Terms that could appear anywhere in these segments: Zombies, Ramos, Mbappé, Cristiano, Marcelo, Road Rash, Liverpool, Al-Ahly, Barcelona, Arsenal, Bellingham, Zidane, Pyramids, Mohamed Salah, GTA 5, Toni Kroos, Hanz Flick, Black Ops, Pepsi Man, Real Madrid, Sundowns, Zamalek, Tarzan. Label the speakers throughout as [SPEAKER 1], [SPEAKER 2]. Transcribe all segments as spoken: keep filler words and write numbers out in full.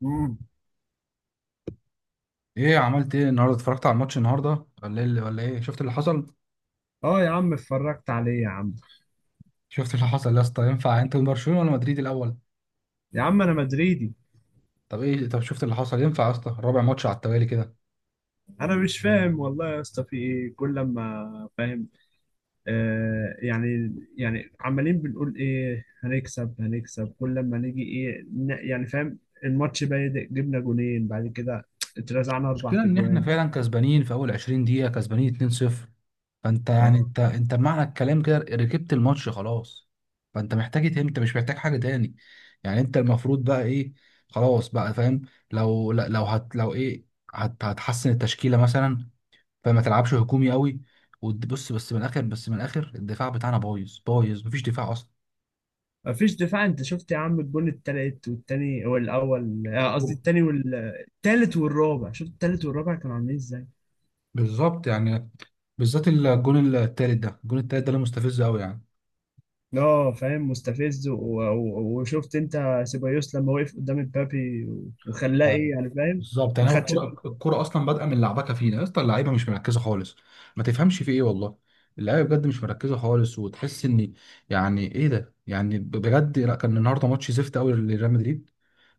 [SPEAKER 1] مم.
[SPEAKER 2] ايه عملت ايه النهارده؟ اتفرجت على الماتش النهارده ولا ايه؟ اللي- ولا ايه شفت اللي حصل؟
[SPEAKER 1] اه يا عم اتفرجت عليه يا عم.
[SPEAKER 2] شفت اللي حصل يا اسطى؟ ينفع انت من برشلونه ولا مدريد الاول؟
[SPEAKER 1] يا عم انا مدريدي.
[SPEAKER 2] طب ايه، طب شفت اللي حصل؟ ينفع يا اسطى رابع ماتش على التوالي كده؟
[SPEAKER 1] انا مش فاهم والله يا اسطى في ايه، كل لما فاهم آه يعني، يعني عمالين بنقول ايه، هنكسب هنكسب كل لما نيجي ايه، ن- يعني فاهم، الماتش بادئ جبنا جونين بعد كده اترزعنا اربع
[SPEAKER 2] المشكله ان احنا
[SPEAKER 1] تجوان.
[SPEAKER 2] فعلا كسبانين في اول عشرين دقيقه، كسبانين اتنين صفر. فانت يعني
[SPEAKER 1] اه
[SPEAKER 2] انت انت بمعنى الكلام كده ركبت الماتش خلاص. فانت محتاج إيه تاني؟ انت مش محتاج حاجه تاني. يعني انت المفروض بقى ايه؟ خلاص بقى فاهم. لو لو هت لو ايه هت هتحسن التشكيله مثلا، فما تلعبش هجومي قوي. وبص، بس من الاخر بس من الاخر الدفاع بتاعنا بايظ بايظ، مفيش دفاع اصلا.
[SPEAKER 1] مفيش دفاع. انت شفت يا عم الجون التالت والتاني والاول، آه، قصدي التاني والتالت والرابع، شفت التالت والرابع كانوا عاملين ازاي؟
[SPEAKER 2] بالظبط يعني. بالذات الجون التالت ده، الجون التالت ده اللي مستفز قوي يعني.
[SPEAKER 1] اه فاهم، مستفز و- و- وشفت انت سيبايوس لما وقف قدام امبابي وخلاه ايه،
[SPEAKER 2] آه،
[SPEAKER 1] يعني فاهم.
[SPEAKER 2] بالظبط
[SPEAKER 1] ما
[SPEAKER 2] يعني. هو
[SPEAKER 1] خدش.
[SPEAKER 2] الكوره، الكوره اصلا بادئه من لعبكه فينا يا اسطى، اللعيبه مش مركزه خالص. ما تفهمش في ايه والله. اللعيبه بجد مش مركزه خالص، وتحس ان يعني ايه ده. يعني ب- بجد لا، كان النهارده ماتش زفت قوي لريال مدريد.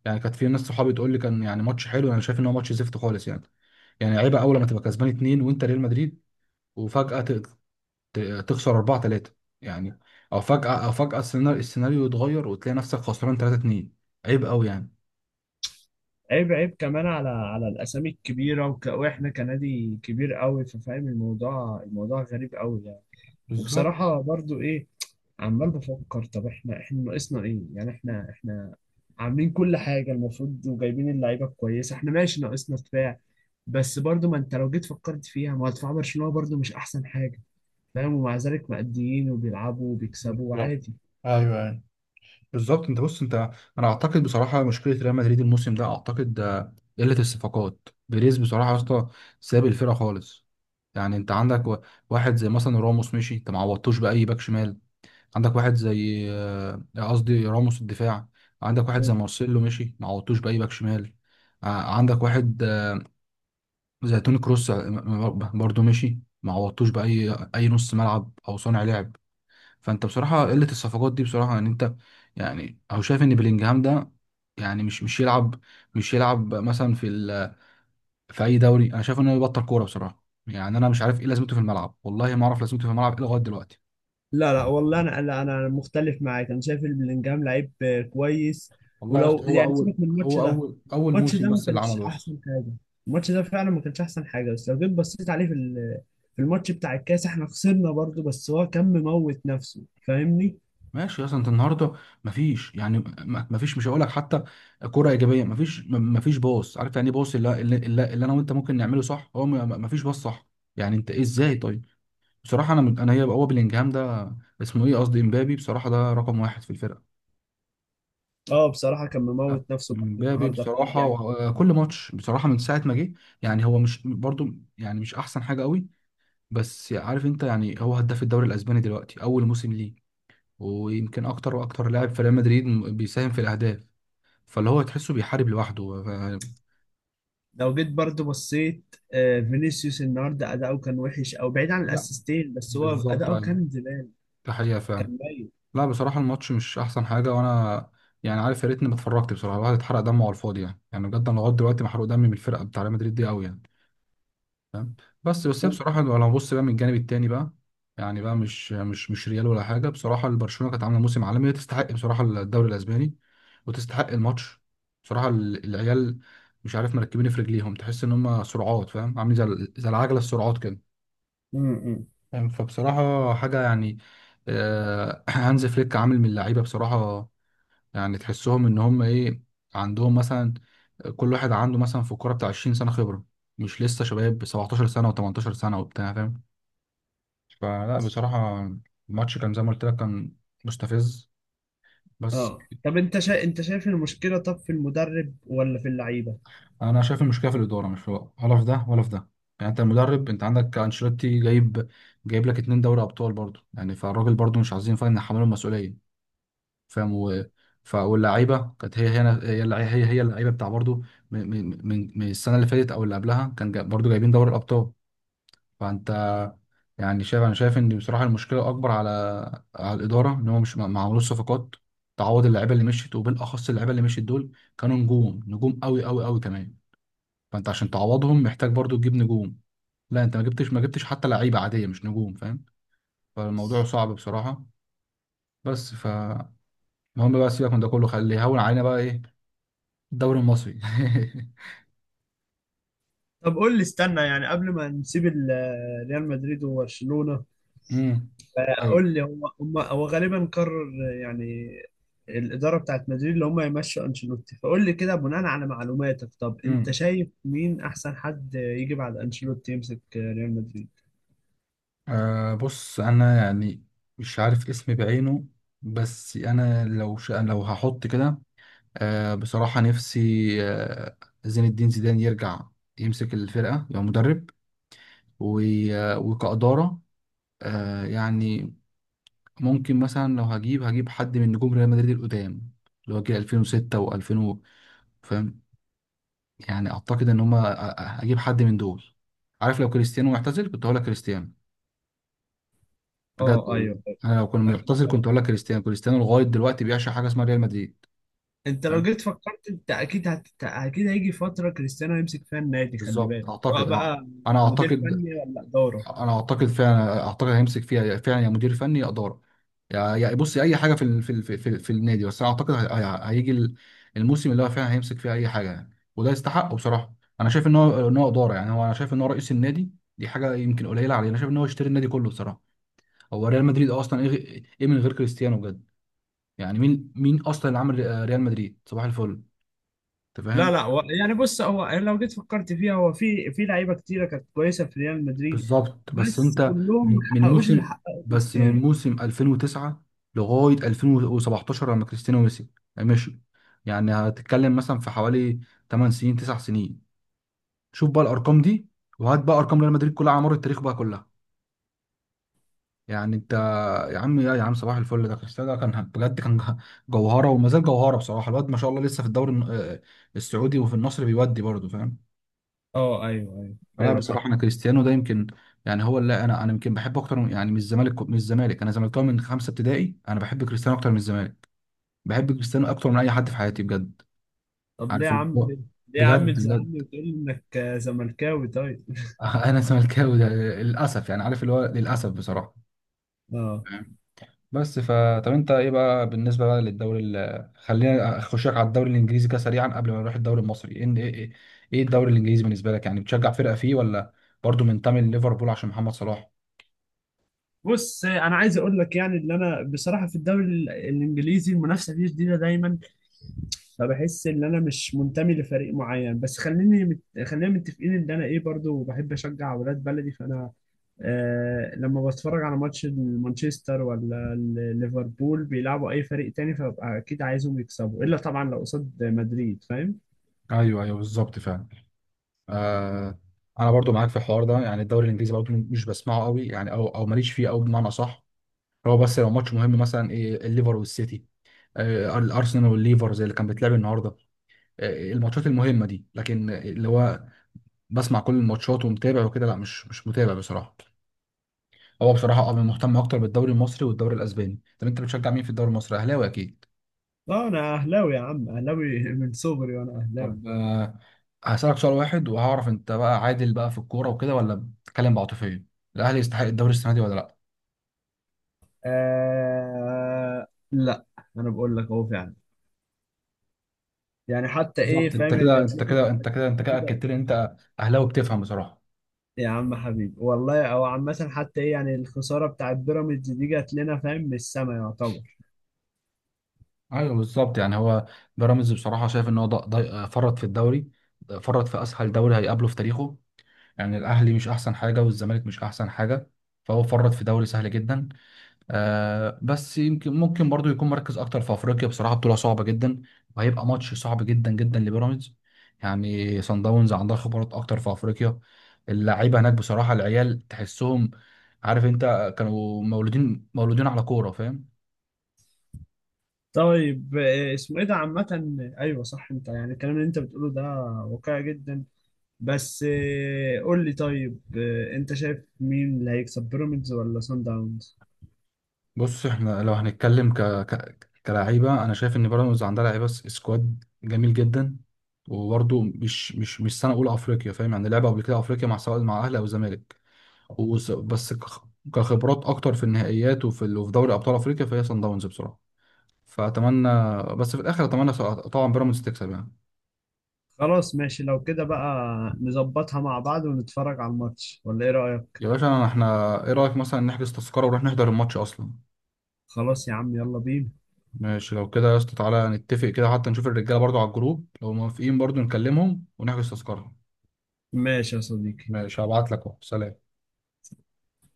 [SPEAKER 2] يعني كانت في ناس صحابي تقول لي كان يعني ماتش حلو، انا شايف ان هو ماتش زفت خالص يعني. يعني عيبه، اول لما تبقى كسبان اتنين وانت ريال مدريد وفجأة ت- ت- تخسر اربعة ثلاثة يعني. او فجأة او فجأة السيناريو السيناريو يتغير وتلاقي نفسك خسران ثلاثة اثنين. عيب قوي يعني.
[SPEAKER 1] عيب، عيب كمان على على الاسامي الكبيره وك... واحنا كنادي كبير قوي، ففاهم الموضوع، الموضوع غريب قوي يعني.
[SPEAKER 2] بالظبط.
[SPEAKER 1] وبصراحه برضو ايه، عمال بفكر، طب احنا، احنا ناقصنا ايه؟ يعني احنا، احنا عاملين كل حاجه المفروض، وجايبين اللعيبه كويسه، احنا ماشي ناقصنا دفاع. بس برضو ما انت لو جيت فكرت فيها، ما هو دفاع برشلونه برضو مش احسن حاجه، فاهم؟ ومع ذلك مأديين وبيلعبوا وبيكسبوا
[SPEAKER 2] بالظبط
[SPEAKER 1] عادي.
[SPEAKER 2] ايوه ايوه بالظبط انت بص انت انا اعتقد بصراحه مشكله ريال مدريد الموسم ده، اعتقد آه، قله الصفقات. بيريز بصراحه يا اسطى ساب الفرقه خالص. يعني انت عندك و- واحد زي مثلا راموس مشي، انت ما عوضتوش باي باك شمال. عندك واحد زي آه، قصدي راموس الدفاع. عندك واحد زي مارسيلو مشي، ما عوضتوش باي باك شمال. آه، عندك واحد آه، زي توني كروس آه، برضه مشي، ما عوضتوش باي اي نص ملعب او صانع لعب. فانت بصراحه قله الصفقات دي بصراحه يعني انت. يعني او شايف ان بلينجهام ده يعني مش مش يلعب، مش يلعب مثلا في ال- في اي دوري. انا شايف انه يبطل كوره بصراحه. يعني انا مش عارف ايه لازمته في الملعب، والله ما اعرف لازمته في الملعب إيه لغايه دلوقتي.
[SPEAKER 1] لا لا والله، انا لا، انا مختلف معاك. انا شايف ان بلينجهام لعيب آه، كويس.
[SPEAKER 2] والله يا اسطى
[SPEAKER 1] ولو
[SPEAKER 2] هو
[SPEAKER 1] يعني
[SPEAKER 2] اول
[SPEAKER 1] سيبك من الماتش
[SPEAKER 2] هو
[SPEAKER 1] ده،
[SPEAKER 2] اول اول
[SPEAKER 1] الماتش
[SPEAKER 2] موسم
[SPEAKER 1] ده ما
[SPEAKER 2] بس اللي
[SPEAKER 1] كانش
[SPEAKER 2] عمله بس.
[SPEAKER 1] احسن حاجه. الماتش ده فعلا ما كانش احسن حاجه، بس لو جيت بصيت عليه في ال- في الماتش بتاع الكاس، احنا خسرنا برضه بس هو كان مموت نفسه، فاهمني؟
[SPEAKER 2] ماشي. اصلا انت النهارده مفيش يعني م- مفيش مش هقول لك حتى كرة ايجابيه. مفيش م- مفيش باص. عارف يعني ايه باص؟ اللي, اللي, اللي اللي انا وانت ممكن نعمله صح، هو م- مفيش باص صح. يعني انت ايه؟ ازاي طيب؟ بصراحه انا من- انا هي هو بلينجهام ده اسمه ايه، قصدي امبابي، بصراحه ده رقم واحد في الفرقه.
[SPEAKER 1] اه بصراحه كان
[SPEAKER 2] لا،
[SPEAKER 1] مموت نفسه برضه
[SPEAKER 2] امبابي
[SPEAKER 1] النهارده، فاهم؟
[SPEAKER 2] بصراحه
[SPEAKER 1] بيعمل كل
[SPEAKER 2] و- كل
[SPEAKER 1] حاجه.
[SPEAKER 2] ماتش بصراحه من ساعه ما جه. يعني هو مش برضو يعني مش احسن حاجه قوي. بس عارف انت يعني هو هداف الدوري الاسباني دلوقتي اول موسم ليه، ويمكن اكتر. واكتر لاعب في ريال مدريد م- بيساهم في الاهداف. فاللي هو تحسه بيحارب لوحده ف...
[SPEAKER 1] لو جيت برضه بصيت آه، فينيسيوس النهارده اداؤه كان وحش، او بعيد عن
[SPEAKER 2] لا،
[SPEAKER 1] الاسيستين، بس هو
[SPEAKER 2] بالظبط،
[SPEAKER 1] اداؤه
[SPEAKER 2] ايوه.
[SPEAKER 1] كان زباله،
[SPEAKER 2] ده حقيقة فعلا.
[SPEAKER 1] كان ميت.
[SPEAKER 2] لا بصراحة الماتش مش أحسن حاجة، وأنا يعني عارف يا ريتني ما اتفرجت. بصراحة الواحد اتحرق دمه على الفاضي يعني. يعني بجد أنا لغاية دلوقتي محروق دمي من الفرقة بتاع ريال مدريد دي أوي يعني، فاهم. بس بس هي بصراحة لو هنبص بقى من الجانب التاني بقى، يعني بقى مش مش مش ريال ولا حاجة. بصراحة البرشلونة كانت عاملة موسم عالمي، تستحق بصراحة الدوري الأسباني وتستحق الماتش. بصراحة ال- العيال مش عارف مركبين في رجليهم، تحس إن هم سرعات. فاهم، عاملين زي ال- زي العجلة السرعات كده.
[SPEAKER 1] امم.
[SPEAKER 2] فاهم؟ فبصراحة حاجة يعني. آه، هانز فليك عامل من اللعيبة بصراحة. يعني تحسهم إن هم إيه، عندهم مثلا، كل واحد عنده مثلا في الكورة بتاع عشرين سنة خبرة، مش لسه شباب سبعتاشر سنة و18 سنة وبتاع، فاهم. فلا بصراحة الماتش كان زي ما قلت لك، كان مستفز بس.
[SPEAKER 1] اه طب انت شا... انت شايف المشكله طب في المدرب ولا في اللعيبه؟
[SPEAKER 2] أنا شايف المشكلة في الإدارة، مش في ولا في ده ولا في ده. يعني أنت المدرب، أنت عندك أنشيلوتي جايب جايب لك اتنين دوري أبطال برضه يعني. فالراجل برضه مش عايزين فاهم نحمله المسؤولية. فاهم. و... ف... واللعيبه كانت هي هنا هي اللع- هي هي اللعيبه بتاع برضو من من من من السنه اللي فاتت او اللي قبلها، كان جا... برضو جايبين دوري الابطال. فانت يعني شايف، انا شايف ان بصراحه المشكله اكبر على على الاداره، ان هم مش ما ما عملوش صفقات تعوض اللعيبه اللي مشيت، وبالاخص اللعيبه اللي مشيت دول كانوا نجوم، نجوم قوي قوي قوي كمان. فانت عشان تعوضهم محتاج برضو تجيب نجوم. لا، انت ما جبتش ما جبتش حتى لعيبه عاديه، مش نجوم، فاهم. فالموضوع صعب بصراحه بس. ف المهم بقى سيبك من ده كله، خليه يهون علينا بقى ايه، الدوري المصري.
[SPEAKER 1] طب قول لي، استنى يعني قبل ما نسيب ال- ريال مدريد وبرشلونه،
[SPEAKER 2] امم
[SPEAKER 1] آه،
[SPEAKER 2] ايوه.
[SPEAKER 1] قول لي، هم هم هو غالبا قرر يعني الاداره بتاعت مدريد اللي هم يمشوا انشيلوتي، فقول لي كده بناء على معلوماتك، طب انت
[SPEAKER 2] امم
[SPEAKER 1] شايف مين احسن حد يجي بعد انشيلوتي يمسك ريال مدريد؟
[SPEAKER 2] آه بص انا يعني مش عارف اسمي بعينه، بس انا لو ش... لو هحط كده، آه بصراحة نفسي آه زين الدين زيدان يرجع يمسك الفرقة، يبقى مدرب. و... آه، وكإدارة، آه يعني ممكن مثلا لو هجيب هجيب حد من نجوم ريال مدريد القدام، اللي هو جه الفين وستة و2000، فاهم. يعني اعتقد ان هما أ- أ- اجيب حد من دول. عارف لو كريستيانو معتزل كنت هقول لك كريستيانو، بجد
[SPEAKER 1] اه
[SPEAKER 2] والله.
[SPEAKER 1] ايوه، أيوة،
[SPEAKER 2] انا لو كان
[SPEAKER 1] اكيد
[SPEAKER 2] معتزل كنت
[SPEAKER 1] طبعا.
[SPEAKER 2] هقول لك كريستيانو. كريستيانو لغايه دلوقتي بيعشق حاجه اسمها ريال مدريد،
[SPEAKER 1] انت لو
[SPEAKER 2] فاهم.
[SPEAKER 1] جيت فكرت، انت اكيد هت... اكيد هيجي فتره كريستيانو هيمسك فيها النادي، خلي
[SPEAKER 2] بالظبط
[SPEAKER 1] بالك، سواء
[SPEAKER 2] اعتقد. اه
[SPEAKER 1] بقى
[SPEAKER 2] انا
[SPEAKER 1] مدير
[SPEAKER 2] اعتقد.
[SPEAKER 1] فني ولا اداره.
[SPEAKER 2] انا اعتقد فعلا، اعتقد هيمسك فيها فعلا يا مدير فني يا اداره. يا يا- بص، يا اي حاجه في ال- في ال- في, في, في النادي. بس انا اعتقد هي- هي- هيجي ال- الموسم اللي هو فعلا هيمسك فيه اي حاجه يعني، وده يستحقه بصراحه. انا شايف ان هو ان هو اداره يعني. هو انا شايف ان هو رئيس النادي، دي حاجه يمكن قليله عليه. انا شايف ان هو يشتري النادي كله بصراحه. هو ريال مدريد اصلا ايه، ايه من غير كريستيانو؟ بجد يعني مين، مين اصلا اللي عمل ري- ريال مدريد صباح الفل؟ انت
[SPEAKER 1] لا
[SPEAKER 2] فاهم.
[SPEAKER 1] لا، هو يعني بص، هو لو جيت فكرت فيها، هو في في لعيبه كتيره كانت كويسه في ريال مدريد،
[SPEAKER 2] بالظبط. بس
[SPEAKER 1] بس
[SPEAKER 2] انت
[SPEAKER 1] كلهم ما
[SPEAKER 2] من من
[SPEAKER 1] حققوش اللي
[SPEAKER 2] موسم
[SPEAKER 1] حققه
[SPEAKER 2] بس من
[SPEAKER 1] كريستيانو.
[SPEAKER 2] موسم الفين وتسعة لغايه الفين وسبعتاشر لما كريستيانو مشي، مشي، يعني هتتكلم مثلا في حوالي ثمانية سنين تسع سنين. شوف بقى الارقام دي، وهات بقى ارقام ريال مدريد كلها على مر التاريخ بقى كلها، يعني انت. يا عم يا يا عم صباح الفل ده، كريستيانو ده كان بجد كان جه- جوهره، وما زال جوهره بصراحه. الواد ما شاء الله لسه في الدوري الن- آه، السعودي، وفي النصر بيودي برضه، فاهم.
[SPEAKER 1] اه ايوه، ايوه،
[SPEAKER 2] لا
[SPEAKER 1] ايوه،
[SPEAKER 2] بصراحه
[SPEAKER 1] صح.
[SPEAKER 2] انا كريستيانو ده يمكن يعني هو اللي انا انا يمكن بحبه اكتر من- يعني من الزمالك. من الزمالك انا زملكاوي من خمسه ابتدائي، انا بحب كريستيانو اكتر من الزمالك. بحب كريستيانو اكتر من اي حد في حياتي، بجد.
[SPEAKER 1] طب ليه يا
[SPEAKER 2] عارف اللي
[SPEAKER 1] عم
[SPEAKER 2] هو،
[SPEAKER 1] كده؟ ليه يا عم
[SPEAKER 2] بجد
[SPEAKER 1] تزعلني
[SPEAKER 2] بجد.
[SPEAKER 1] وتقول لي انك زملكاوي؟ طيب
[SPEAKER 2] انا زملكاوي ده للاسف يعني. عارف اللي هو للاسف بصراحه.
[SPEAKER 1] اه.
[SPEAKER 2] بس ف طب انت ايه بقى بالنسبه بقى للدوري ال... خلينا اخشك على الدوري الانجليزي كده سريعا قبل ما نروح الدوري المصري. ايه ايه ايه ايه الدوري الانجليزي بالنسبه لك؟ يعني بتشجع فرقه فيه، ولا برضو منتمي لليفربول عشان محمد صلاح؟
[SPEAKER 1] بص انا عايز اقول لك، يعني اللي انا بصراحه في الدوري ال- الانجليزي المنافسه فيه شديده دايما، فبحس ان انا مش منتمي لفريق معين، بس خليني مت... خلينا متفقين ان انا ايه، برضو بحب اشجع اولاد بلدي، فانا آه لما بتفرج على ماتش مانشستر ولا ال- ليفربول بيلعبوا اي فريق تاني، فببقى اكيد عايزهم يكسبوا، الا طبعا لو قصاد مدريد فاهم.
[SPEAKER 2] ايوه ايوه بالظبط فعلا. آه انا برضو معاك في الحوار ده. يعني الدوري الانجليزي برضو مش بسمعه قوي يعني، او او ماليش فيه قوي بمعنى صح. هو بس لو ماتش مهم مثلا ايه، الليفر والسيتي، آه الارسنال والليفر زي اللي كان بيتلعب النهارده، آه الماتشات المهمه دي. لكن اللي هو بسمع كل الماتشات ومتابع وكده، لا مش مش متابع بصراحه. هو بصراحه اه مهتم اكتر بالدوري المصري والدوري الاسباني. طب انت بتشجع مين في الدوري المصري؟ اهلاوي اكيد.
[SPEAKER 1] اه انا اهلاوي يا عم، اهلاوي من صغري وانا اهلاوي.
[SPEAKER 2] طب آه، هسالك سؤال واحد وهعرف انت بقى عادل بقى في الكوره وكده، ولا بتتكلم بعاطفيه. الاهلي يستحق الدوري السنه دي ولا لا؟
[SPEAKER 1] آه لا، انا بقول لك اهو فعلا، يعني حتى ايه
[SPEAKER 2] بالظبط، انت
[SPEAKER 1] فاهم،
[SPEAKER 2] كده
[SPEAKER 1] جات
[SPEAKER 2] انت
[SPEAKER 1] لنا،
[SPEAKER 2] كده انت
[SPEAKER 1] جات
[SPEAKER 2] كده انت
[SPEAKER 1] لنا
[SPEAKER 2] كده
[SPEAKER 1] كده
[SPEAKER 2] اكدت لي ان انت اهلاوي بتفهم بصراحه.
[SPEAKER 1] يا عم حبيبي والله. او عامة حتى ايه يعني، الخسارة بتاعت بيراميدز دي جات لنا فاهم من السما يعتبر.
[SPEAKER 2] ايوه بالظبط يعني. هو بيراميدز بصراحه شايف ان هو ض- ض- فرط في الدوري، فرط في اسهل دوري هيقابله في تاريخه. يعني الأهلي مش أحسن حاجة، والزمالك مش أحسن حاجة، فهو فرط في دوري سهل جدا. آه بس يمكن ممكن برضو يكون مركز أكتر في أفريقيا. بصراحة بطولة صعبة جدا، وهيبقى ماتش صعب جدا جدا لبيراميدز. يعني صن داونز عندها خبرات أكتر في أفريقيا. اللعيبة هناك بصراحة العيال تحسهم، عارف أنت، كانوا مولودين مولودين على كورة، فاهم.
[SPEAKER 1] طيب آه، اسمه ايه ده، عامة ايوه صح، انت يعني الكلام اللي انت بتقوله ده واقعي جدا، بس آه، قول لي، طيب آه، انت شايف مين اللي هيكسب، بيراميدز ولا سان داونز؟
[SPEAKER 2] بص احنا لو هنتكلم ك... ك... كلعيبه، انا شايف ان بيراميدز عندها لعيبه س- سكواد جميل جدا. وبرده مش مش مش سنه اولى افريقيا، فاهم يعني، لعبه قبل كده افريقيا مع، سواء مع اهلي او زمالك. وس... بس كخ... كخبرات اكتر في النهائيات وفي ال... وفي دوري ابطال افريقيا، فهي صن داونز بصراحه. فاتمنى، بس في الاخر اتمنى ص- طبعا بيراميدز تكسب يعني.
[SPEAKER 1] خلاص ماشي لو كده بقى، نظبطها مع بعض ونتفرج على الماتش، ولا ايه رأيك؟
[SPEAKER 2] يا باشا احنا ايه رايك مثلا نحجز تذكره ونروح نحضر الماتش اصلا؟
[SPEAKER 1] خلاص يا عم، يلا بينا.
[SPEAKER 2] ماشي لو كده يا اسطى، تعالى نتفق كده حتى نشوف الرجاله برضو على الجروب لو موافقين، برضو نكلمهم ونحجز تذكره.
[SPEAKER 1] ماشي يا صديقي.
[SPEAKER 2] ماشي هبعت لك اهو، سلام.